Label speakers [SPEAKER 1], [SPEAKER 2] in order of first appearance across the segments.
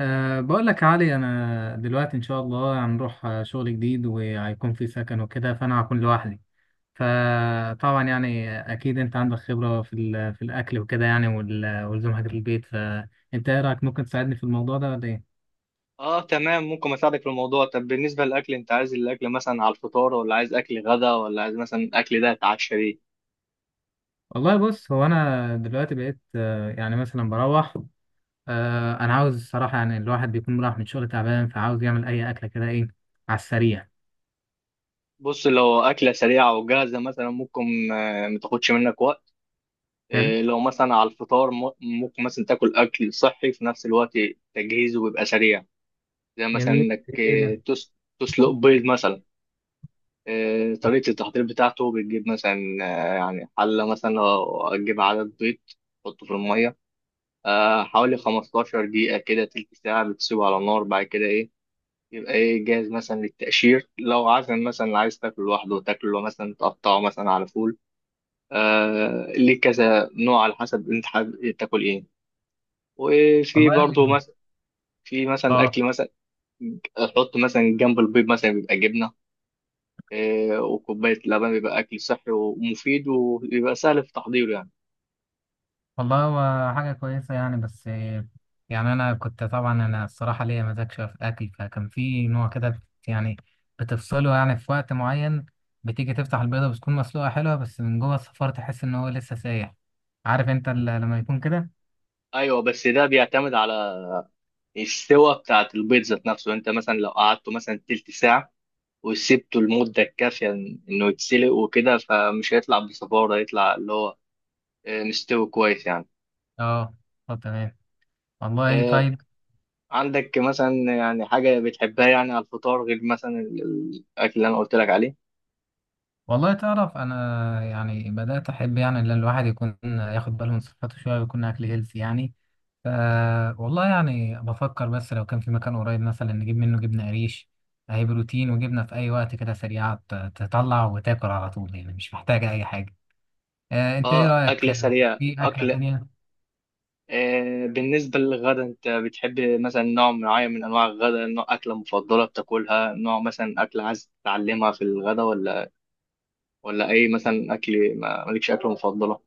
[SPEAKER 1] بقول لك يا علي، أنا دلوقتي إن شاء الله هنروح شغل جديد، وهيكون في سكن وكده، فأنا هكون لوحدي. فطبعا يعني أكيد أنت عندك خبرة في الأكل وكده، يعني والزمها في البيت. فأنت إيه رأيك، ممكن تساعدني في الموضوع ده ولا إيه؟
[SPEAKER 2] اه، تمام. ممكن اساعدك في الموضوع. طب بالنسبه للاكل، انت عايز الاكل مثلا على الفطار، ولا عايز اكل غدا، ولا عايز مثلا الاكل ده اتعشى بيه؟
[SPEAKER 1] والله بص، هو أنا دلوقتي بقيت يعني مثلا بروح. أنا عاوز الصراحة، يعني الواحد بيكون رايح من شغل تعبان، فعاوز يعمل أي أكلة كده، إيه على السريع.
[SPEAKER 2] بص، لو اكله سريعه وجاهزه مثلا ممكن ما تاخدش منك وقت.
[SPEAKER 1] حلو.
[SPEAKER 2] لو مثلا على الفطار ممكن مثلا تاكل اكل صحي في نفس الوقت. تجهيزه بيبقى سريع، زي مثلا
[SPEAKER 1] جميل.
[SPEAKER 2] انك
[SPEAKER 1] إيه ده؟
[SPEAKER 2] تسلق بيض مثلا. طريقه التحضير بتاعته بتجيب مثلا، يعني حله، مثلا لو هتجيب عدد بيض تحطه في الميه حوالي 15 دقيقة كده، تلت ساعة بتسيبه على النار. بعد كده إيه؟ يبقى إيه، جاهز مثلا للتقشير. لو عازم مثلا عايز تاكله لوحده تاكله، مثلا تقطعه مثلا على فول. ليه كذا نوع على حسب أنت حابب تاكل إيه. وفي
[SPEAKER 1] والله.
[SPEAKER 2] برضه مثلا، في مثلا
[SPEAKER 1] اه.
[SPEAKER 2] أكل مثلا أحط مثلا جنب البيض مثلا، بيبقى جبنة وكوباية لبن، بيبقى أكل صحي ومفيد ويبقى سهل في تحضيره يعني.
[SPEAKER 1] والله هو حاجة كويسة يعني، بس يعني أنا كنت، طبعا أنا الصراحة ليا مزاج شوية في الأكل، فكان في نوع كده يعني بتفصله يعني في وقت معين. بتيجي تفتح البيضة، بتكون مسلوقة حلوة، بس من جوه الصفار تحس إن هو لسه سايح. عارف أنت لما يكون كده؟
[SPEAKER 2] أيوه، بس ده بيعتمد على السوا بتاعت البيض ذات نفسه. انت مثلا لو قعدته مثلا تلت ساعة وسبته المدة الكافية انه يتسلق وكده، فمش هيطلع بصفارة، هيطلع اللي هو مستوي كويس يعني.
[SPEAKER 1] أه. طب تمام. والله
[SPEAKER 2] آه،
[SPEAKER 1] طيب.
[SPEAKER 2] عندك مثلا يعني حاجة بتحبها يعني على الفطار غير مثلا الأكل اللي أنا قلت لك عليه؟
[SPEAKER 1] والله تعرف أنا يعني بدأت أحب يعني إن الواحد يكون ياخد باله من صحته شوية، ويكون أكل هيلثي يعني. ف والله يعني بفكر، بس لو كان في مكان قريب مثلا نجيب منه جبنة قريش. هي بروتين وجبنة، في أي وقت كده سريعة، تطلع وتاكل على طول، يعني مش محتاجة أي حاجة. أنت إيه
[SPEAKER 2] اه،
[SPEAKER 1] رأيك
[SPEAKER 2] أكلة سريعة،
[SPEAKER 1] في أكلة
[SPEAKER 2] أكل.
[SPEAKER 1] تانية؟
[SPEAKER 2] بالنسبة للغدا، أنت بتحب مثلا نوع معين من أنواع الغدا، نوع أكلة مفضلة بتاكلها، نوع مثلا أكلة عايز تتعلمها في الغدا، ولا اي مثلا اكل، مالكش اكله مفضله؟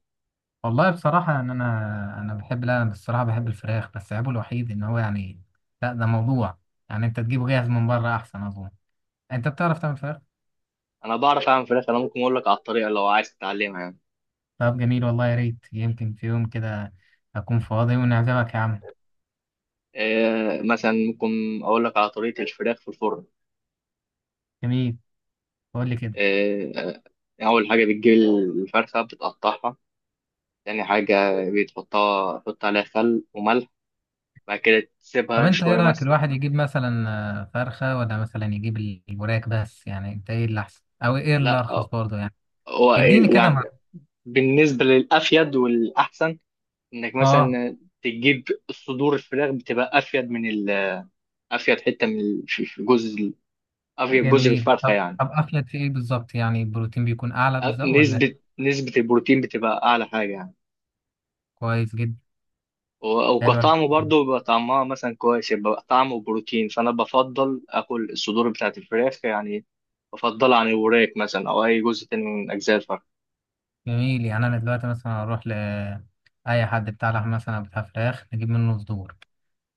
[SPEAKER 1] والله بصراحة إن أنا، أنا بحب، لا أنا بصراحة بحب الفراخ، بس عيبه الوحيد إن هو يعني، لا ده موضوع يعني أنت تجيبه جاهز من بره أحسن أظن. أنت بتعرف تعمل فراخ؟
[SPEAKER 2] انا بعرف اعمل فراخ. انا ممكن اقول لك على الطريقه لو عايز تتعلمها يعني.
[SPEAKER 1] طب جميل، والله يا ريت، يمكن في يوم كده أكون فاضي ونعزمك يا عم.
[SPEAKER 2] إيه مثلا، ممكن اقول لك على طريقه الفراخ في الفرن.
[SPEAKER 1] جميل. قول لي كده.
[SPEAKER 2] إيه، اول حاجه بتجيب الفرخه بتقطعها. تاني حاجه، بتحطها، تحط عليها خل وملح، بعد كده
[SPEAKER 1] طب
[SPEAKER 2] تسيبها
[SPEAKER 1] انت ايه
[SPEAKER 2] شويه
[SPEAKER 1] رأيك،
[SPEAKER 2] مثلا.
[SPEAKER 1] الواحد يجيب مثلا فرخة، ولا مثلا يجيب الوراك بس؟ يعني انت ايه اللي احسن، او ايه اللي
[SPEAKER 2] لا،
[SPEAKER 1] ارخص برضه يعني؟
[SPEAKER 2] هو
[SPEAKER 1] اديني كده
[SPEAKER 2] يعني
[SPEAKER 1] مع.
[SPEAKER 2] بالنسبه للافيد والاحسن، انك
[SPEAKER 1] اه.
[SPEAKER 2] مثلا تجيب صدور الفراخ. بتبقى افيد من افيد حته من الجزء، افيد جزء في
[SPEAKER 1] جميل.
[SPEAKER 2] الفرخه
[SPEAKER 1] طب
[SPEAKER 2] يعني.
[SPEAKER 1] طب افلت في ايه بالظبط، يعني البروتين بيكون اعلى بالظبط ولا؟
[SPEAKER 2] نسبه البروتين بتبقى اعلى حاجه يعني.
[SPEAKER 1] كويس جدا. حلو
[SPEAKER 2] وكطعمه
[SPEAKER 1] الحكاية.
[SPEAKER 2] برضه بيبقى طعمها مثلا كويس، يبقى طعمه بروتين، فانا بفضل اكل الصدور بتاعت الفراخ يعني، بفضلها عن الوراك مثلا او اي جزء تاني من اجزاء الفرخ.
[SPEAKER 1] جميل. يعني انا دلوقتي مثلا اروح ل اي حد بتاع لحم مثلا، أو بتاع فراخ، نجيب منه صدور.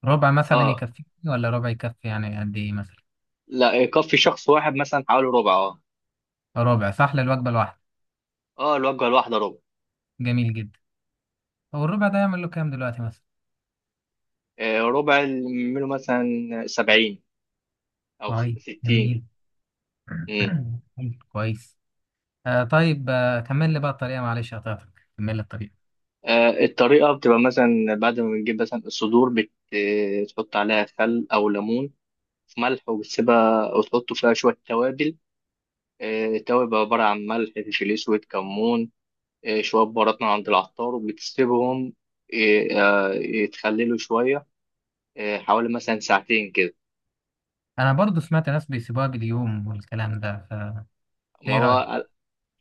[SPEAKER 1] ربع مثلا
[SPEAKER 2] اه،
[SPEAKER 1] يكفيني، ولا ربع يكفي يعني قد ايه مثلا؟
[SPEAKER 2] لا يكفي شخص واحد مثلا حوالي ربع، اه.
[SPEAKER 1] ربع صح للوجبة الواحدة.
[SPEAKER 2] اه، الوجبه الواحده ربع.
[SPEAKER 1] جميل جدا. هو الربع ده يعمل له كام دلوقتي مثلا؟
[SPEAKER 2] ربع منه مثلا 70 او
[SPEAKER 1] طيب
[SPEAKER 2] 60.
[SPEAKER 1] جميل.
[SPEAKER 2] مم.
[SPEAKER 1] كويس. طيب، كمل لي بقى الطريقة، معلش قطعتك. كمل لي الطريقة.
[SPEAKER 2] الطريقة بتبقى مثلا بعد ما بنجيب مثلا الصدور تحط عليها خل أو ليمون، في ملح، وبتسيبها وتحط فيها شوية توابل. توابل عبارة عن ملح، فلفل أسود، كمون، شوية بهارات من عند العطار، وبتسيبهم يتخللوا شوية، حوالي مثلا ساعتين كده.
[SPEAKER 1] أنا برضو سمعت ناس بيسيبوها باليوم والكلام ده،
[SPEAKER 2] ما
[SPEAKER 1] إيه رأيك؟
[SPEAKER 2] هو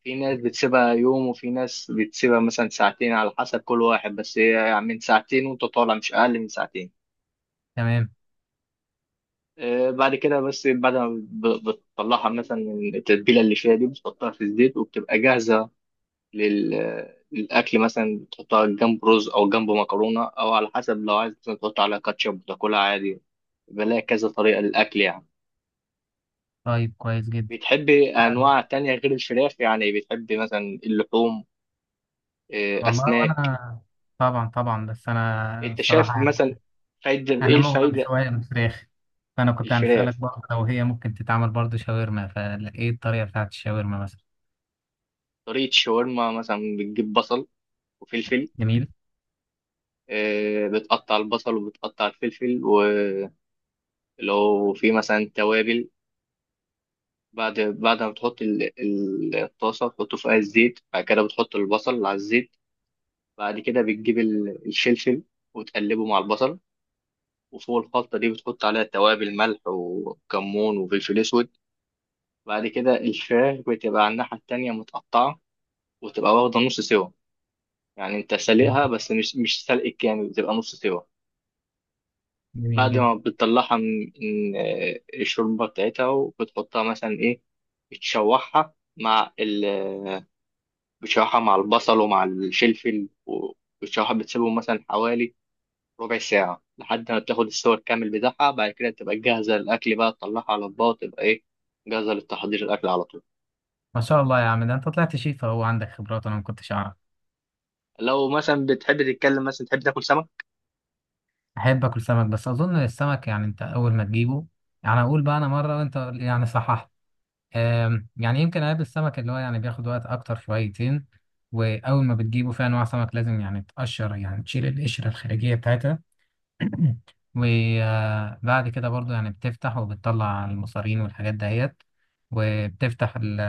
[SPEAKER 2] في ناس بتسيبها يوم، وفي ناس بتسيبها مثلا ساعتين، على حسب كل واحد. بس هي يعني من ساعتين وانت طالع، مش أقل من ساعتين.
[SPEAKER 1] تمام.
[SPEAKER 2] بعد كده، بس بعد ما بتطلعها مثلا من التتبيلة اللي فيها دي، بتحطها في الزيت وبتبقى جاهزة لل... للأكل. مثلا تحطها جنب رز، أو جنب مكرونة، أو على حسب. لو عايز مثلا تحط على كاتشب وتاكلها عادي. بلاقي كذا طريقة للأكل يعني.
[SPEAKER 1] طيب كويس جدا.
[SPEAKER 2] بتحبي أنواع تانية غير الفراخ يعني؟ بتحبي مثلا اللحوم، إيه،
[SPEAKER 1] والله
[SPEAKER 2] أسماك؟
[SPEAKER 1] وأنا طبعا طبعا، بس أنا
[SPEAKER 2] أنت شايف
[SPEAKER 1] الصراحة
[SPEAKER 2] مثلا
[SPEAKER 1] يعني
[SPEAKER 2] فايدة، إيه
[SPEAKER 1] أنا مغرم
[SPEAKER 2] الفايدة؟
[SPEAKER 1] شوية بالفراخ. فأنا كنت
[SPEAKER 2] الفراخ،
[SPEAKER 1] هنسألك برضه، لو هي ممكن تتعمل برضه شاورما، فإيه الطريقة بتاعت الشاورما مثلا؟
[SPEAKER 2] طريقة شاورما مثلا، بتجيب بصل وفلفل.
[SPEAKER 1] جميل
[SPEAKER 2] إيه، بتقطع البصل وبتقطع الفلفل، ولو في مثلا توابل. بعد ما تحط الطاسة، تحطه فيها الزيت. بعد كده بتحط البصل على الزيت، بعد كده بتجيب الفلفل وتقلبه مع البصل، وفوق الخلطة دي بتحط عليها توابل، ملح وكمون وفلفل أسود. بعد كده الفراخ بتبقى على الناحية التانية متقطعة، وتبقى واخدة نص سوا، يعني أنت
[SPEAKER 1] جميل.
[SPEAKER 2] سالقها بس مش سلق كامل، بتبقى نص سوا.
[SPEAKER 1] جميل
[SPEAKER 2] بعد ما
[SPEAKER 1] جدا.
[SPEAKER 2] بتطلعها من الشوربة بتاعتها، وبتحطها مثلا إيه، بتشوحها مع ال بتشوحها مع البصل ومع الفلفل، وبتشوحها، بتسيبهم مثلا حوالي ربع ساعة لحد ما بتاخد السوى الكامل بتاعها. بعد كده تبقى جاهزة للأكل بقى، تطلعها على الباط وتبقى إيه، جاهزة للتحضير، الأكل على طول.
[SPEAKER 1] ما شاء الله يا عم، ده أنت طلعت شيف أهو، عندك خبرات أنا ما كنتش أعرف.
[SPEAKER 2] لو مثلا بتحب تتكلم مثلا تحب تاكل سمك؟
[SPEAKER 1] احب اكل سمك، بس اظن السمك يعني انت اول ما تجيبه، يعني اقول بقى انا مره، وانت يعني صححت. يعني يمكن اقابل السمك، اللي هو يعني بياخد وقت اكتر شويتين. واول ما بتجيبه، في انواع سمك لازم يعني تقشر، يعني تشيل القشره الخارجيه بتاعتها. وبعد كده برضو يعني بتفتح وبتطلع المصارين والحاجات دهيت، وبتفتح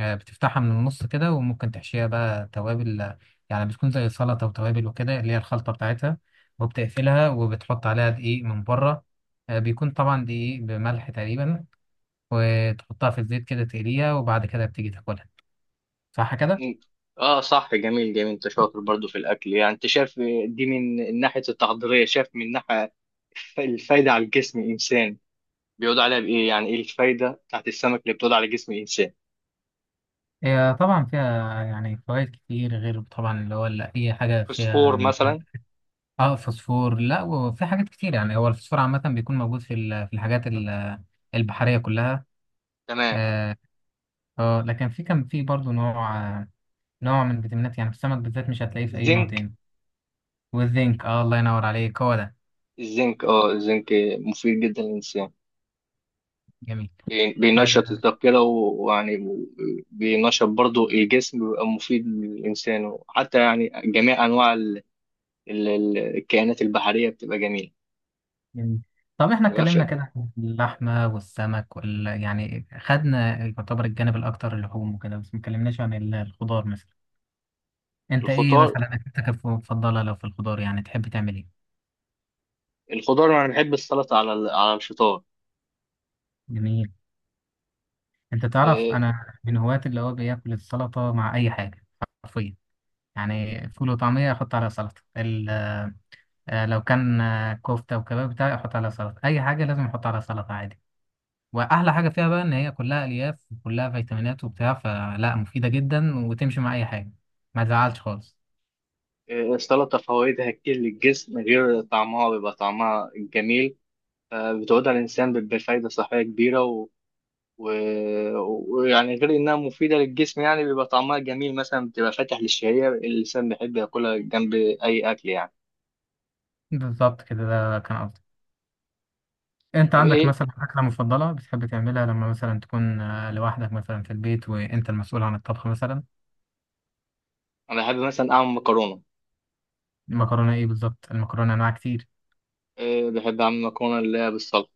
[SPEAKER 1] بتفتحها من النص كده، وممكن تحشيها بقى توابل. يعني بتكون زي سلطة وتوابل وكده، اللي هي الخلطة بتاعتها. وبتقفلها، وبتحط عليها دقيق من بره. بيكون طبعا دقيق بملح تقريبا. وتحطها في الزيت كده تقليها، وبعد كده بتيجي تاكلها. صح كده؟
[SPEAKER 2] مم. اه صح، جميل جميل، انت شاطر برضو في الاكل يعني. انت شايف دي من ناحية التحضيرية، شايف من ناحية الفايدة على الجسم الإنسان، بيقول عليها بإيه يعني، إيه الفايدة بتاعت السمك اللي بتقول على جسم الإنسان؟
[SPEAKER 1] هي طبعا فيها يعني فوائد كتير، غير طبعا اللي هو، اللي أي حاجة فيها
[SPEAKER 2] فوسفور
[SPEAKER 1] من،
[SPEAKER 2] مثلا.
[SPEAKER 1] اه، فوسفور. لا، وفي حاجات كتير يعني. هو الفوسفور عامة بيكون موجود في الحاجات البحرية كلها.
[SPEAKER 2] تمام.
[SPEAKER 1] اه. لكن في، كان في برضه نوع نوع من الفيتامينات يعني، في السمك بالذات مش هتلاقيه في أي نوع
[SPEAKER 2] زنك.
[SPEAKER 1] تاني. والزنك، الله ينور عليك، هو ده.
[SPEAKER 2] الزنك مفيد جدا للإنسان.
[SPEAKER 1] جميل.
[SPEAKER 2] بينشط
[SPEAKER 1] آه.
[SPEAKER 2] الذاكرة، بينشط برضو الجسم، بيبقى مفيد للإنسان. وحتى يعني جميع أنواع الكائنات البحرية بتبقى جميلة.
[SPEAKER 1] جميل. طب احنا
[SPEAKER 2] يبقى
[SPEAKER 1] اتكلمنا
[SPEAKER 2] في
[SPEAKER 1] كده عن اللحمة والسمك وال، يعني خدنا يعتبر الجانب الأكتر، اللحوم وكده، بس ما اتكلمناش عن الخضار مثلا. انت ايه
[SPEAKER 2] الخضار.
[SPEAKER 1] مثلا أكلتك المفضلة لو في الخضار، يعني تحب تعمل ايه؟
[SPEAKER 2] الخضار أنا بحب السلطة على الفطار.
[SPEAKER 1] جميل. انت تعرف
[SPEAKER 2] إيه،
[SPEAKER 1] انا من هواة اللي هو بياكل السلطه مع اي حاجه، حرفيا. يعني فول وطعميه احط عليها سلطه، لو كان كفته وكباب بتاعي احط عليها سلطه، اي حاجه لازم احط عليها سلطه عادي. واحلى حاجه فيها بقى ان هي كلها الياف وكلها فيتامينات وبتاع، فلا مفيده جدا وتمشي مع اي حاجه، ما تزعلش خالص.
[SPEAKER 2] إيه، السلطة فوائدها كتير للجسم، غير طعمها بيبقى طعمها جميل، فبتعود على الإنسان بفايدة صحية كبيرة. ويعني غير انها مفيده للجسم، يعني بيبقى طعمها جميل مثلا، بتبقى فاتح للشهيه، الانسان بيحب ياكلها جنب اي اكل يعني.
[SPEAKER 1] بالظبط كده، ده كان قصدي. انت
[SPEAKER 2] طب
[SPEAKER 1] عندك
[SPEAKER 2] ايه،
[SPEAKER 1] مثلا اكله مفضله بتحب تعملها لما مثلا تكون لوحدك مثلا في البيت، وانت المسؤول عن الطبخ مثلا؟
[SPEAKER 2] انا بحب مثلا اعمل مكرونه.
[SPEAKER 1] المكرونه ايه بالظبط؟ المكرونه انواع كتير.
[SPEAKER 2] إيه، بحب اعمل مكرونه اللي هي بالصلصه.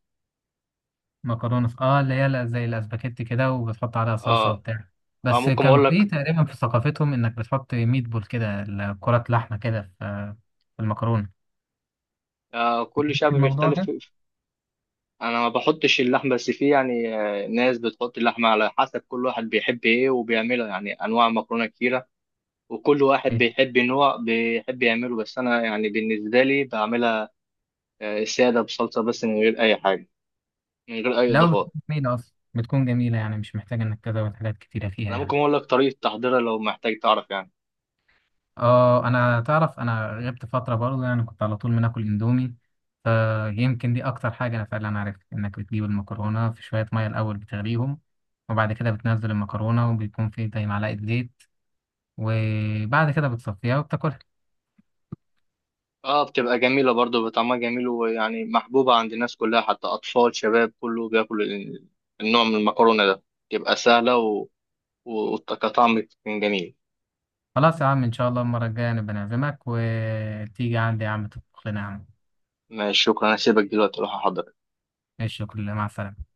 [SPEAKER 1] مكرونه اللي هي زي الاسباجيتي كده، وبتحط عليها صلصه
[SPEAKER 2] اه,
[SPEAKER 1] وبتاع. بس
[SPEAKER 2] ممكن
[SPEAKER 1] كان،
[SPEAKER 2] اقول
[SPEAKER 1] طب في
[SPEAKER 2] لك.
[SPEAKER 1] تقريبا في ثقافتهم انك بتحط ميت بول كده، كرات لحمه كده في، في المكرونه.
[SPEAKER 2] كل
[SPEAKER 1] عندك
[SPEAKER 2] شعب
[SPEAKER 1] الموضوع
[SPEAKER 2] بيختلف
[SPEAKER 1] ده؟
[SPEAKER 2] انا ما بحطش اللحمه، بس في يعني ناس بتحط اللحمه، على حسب كل واحد بيحب ايه وبيعملها، يعني انواع مكرونه كتيره وكل واحد
[SPEAKER 1] ايه.
[SPEAKER 2] بيحب نوع بيحب يعمله. بس انا يعني بالنسبه لي بعملها الساده بصلصه بس، من غير اي حاجه، من غير اي
[SPEAKER 1] لا بتكون
[SPEAKER 2] اضافات.
[SPEAKER 1] جميله اصلا، بتكون جميله يعني، مش محتاجه انك تزود حاجات كتيره فيها
[SPEAKER 2] انا ممكن
[SPEAKER 1] يعني.
[SPEAKER 2] اقول لك طريقه تحضيرها لو محتاج تعرف يعني.
[SPEAKER 1] اه انا، تعرف انا غبت فتره برضه يعني، كنت على طول بناكل اندومي. فيمكن دي اكتر حاجه انا فعلا عرفت، انك بتجيب المكرونه في شويه ميه الاول بتغليهم، وبعد كده بتنزل المكرونه، وبيكون في زي معلقه زيت، وبعد كده بتصفيها وبتاكلها.
[SPEAKER 2] اه، بتبقى جميله برضو، بطعمها جميل، ويعني محبوبه عند الناس كلها، حتى اطفال شباب كله بياكل النوع من المكرونه ده. تبقى سهله وكطعم كان جميل.
[SPEAKER 1] خلاص يا عم، ان شاء الله المره الجايه نبقى نعزمك، وتيجي عندي يا عم تطبخ لنا يا عم.
[SPEAKER 2] ماشي، شكرا، انا هسيبك دلوقتي اروح احضر.
[SPEAKER 1] ماشي، كله مع السلامه.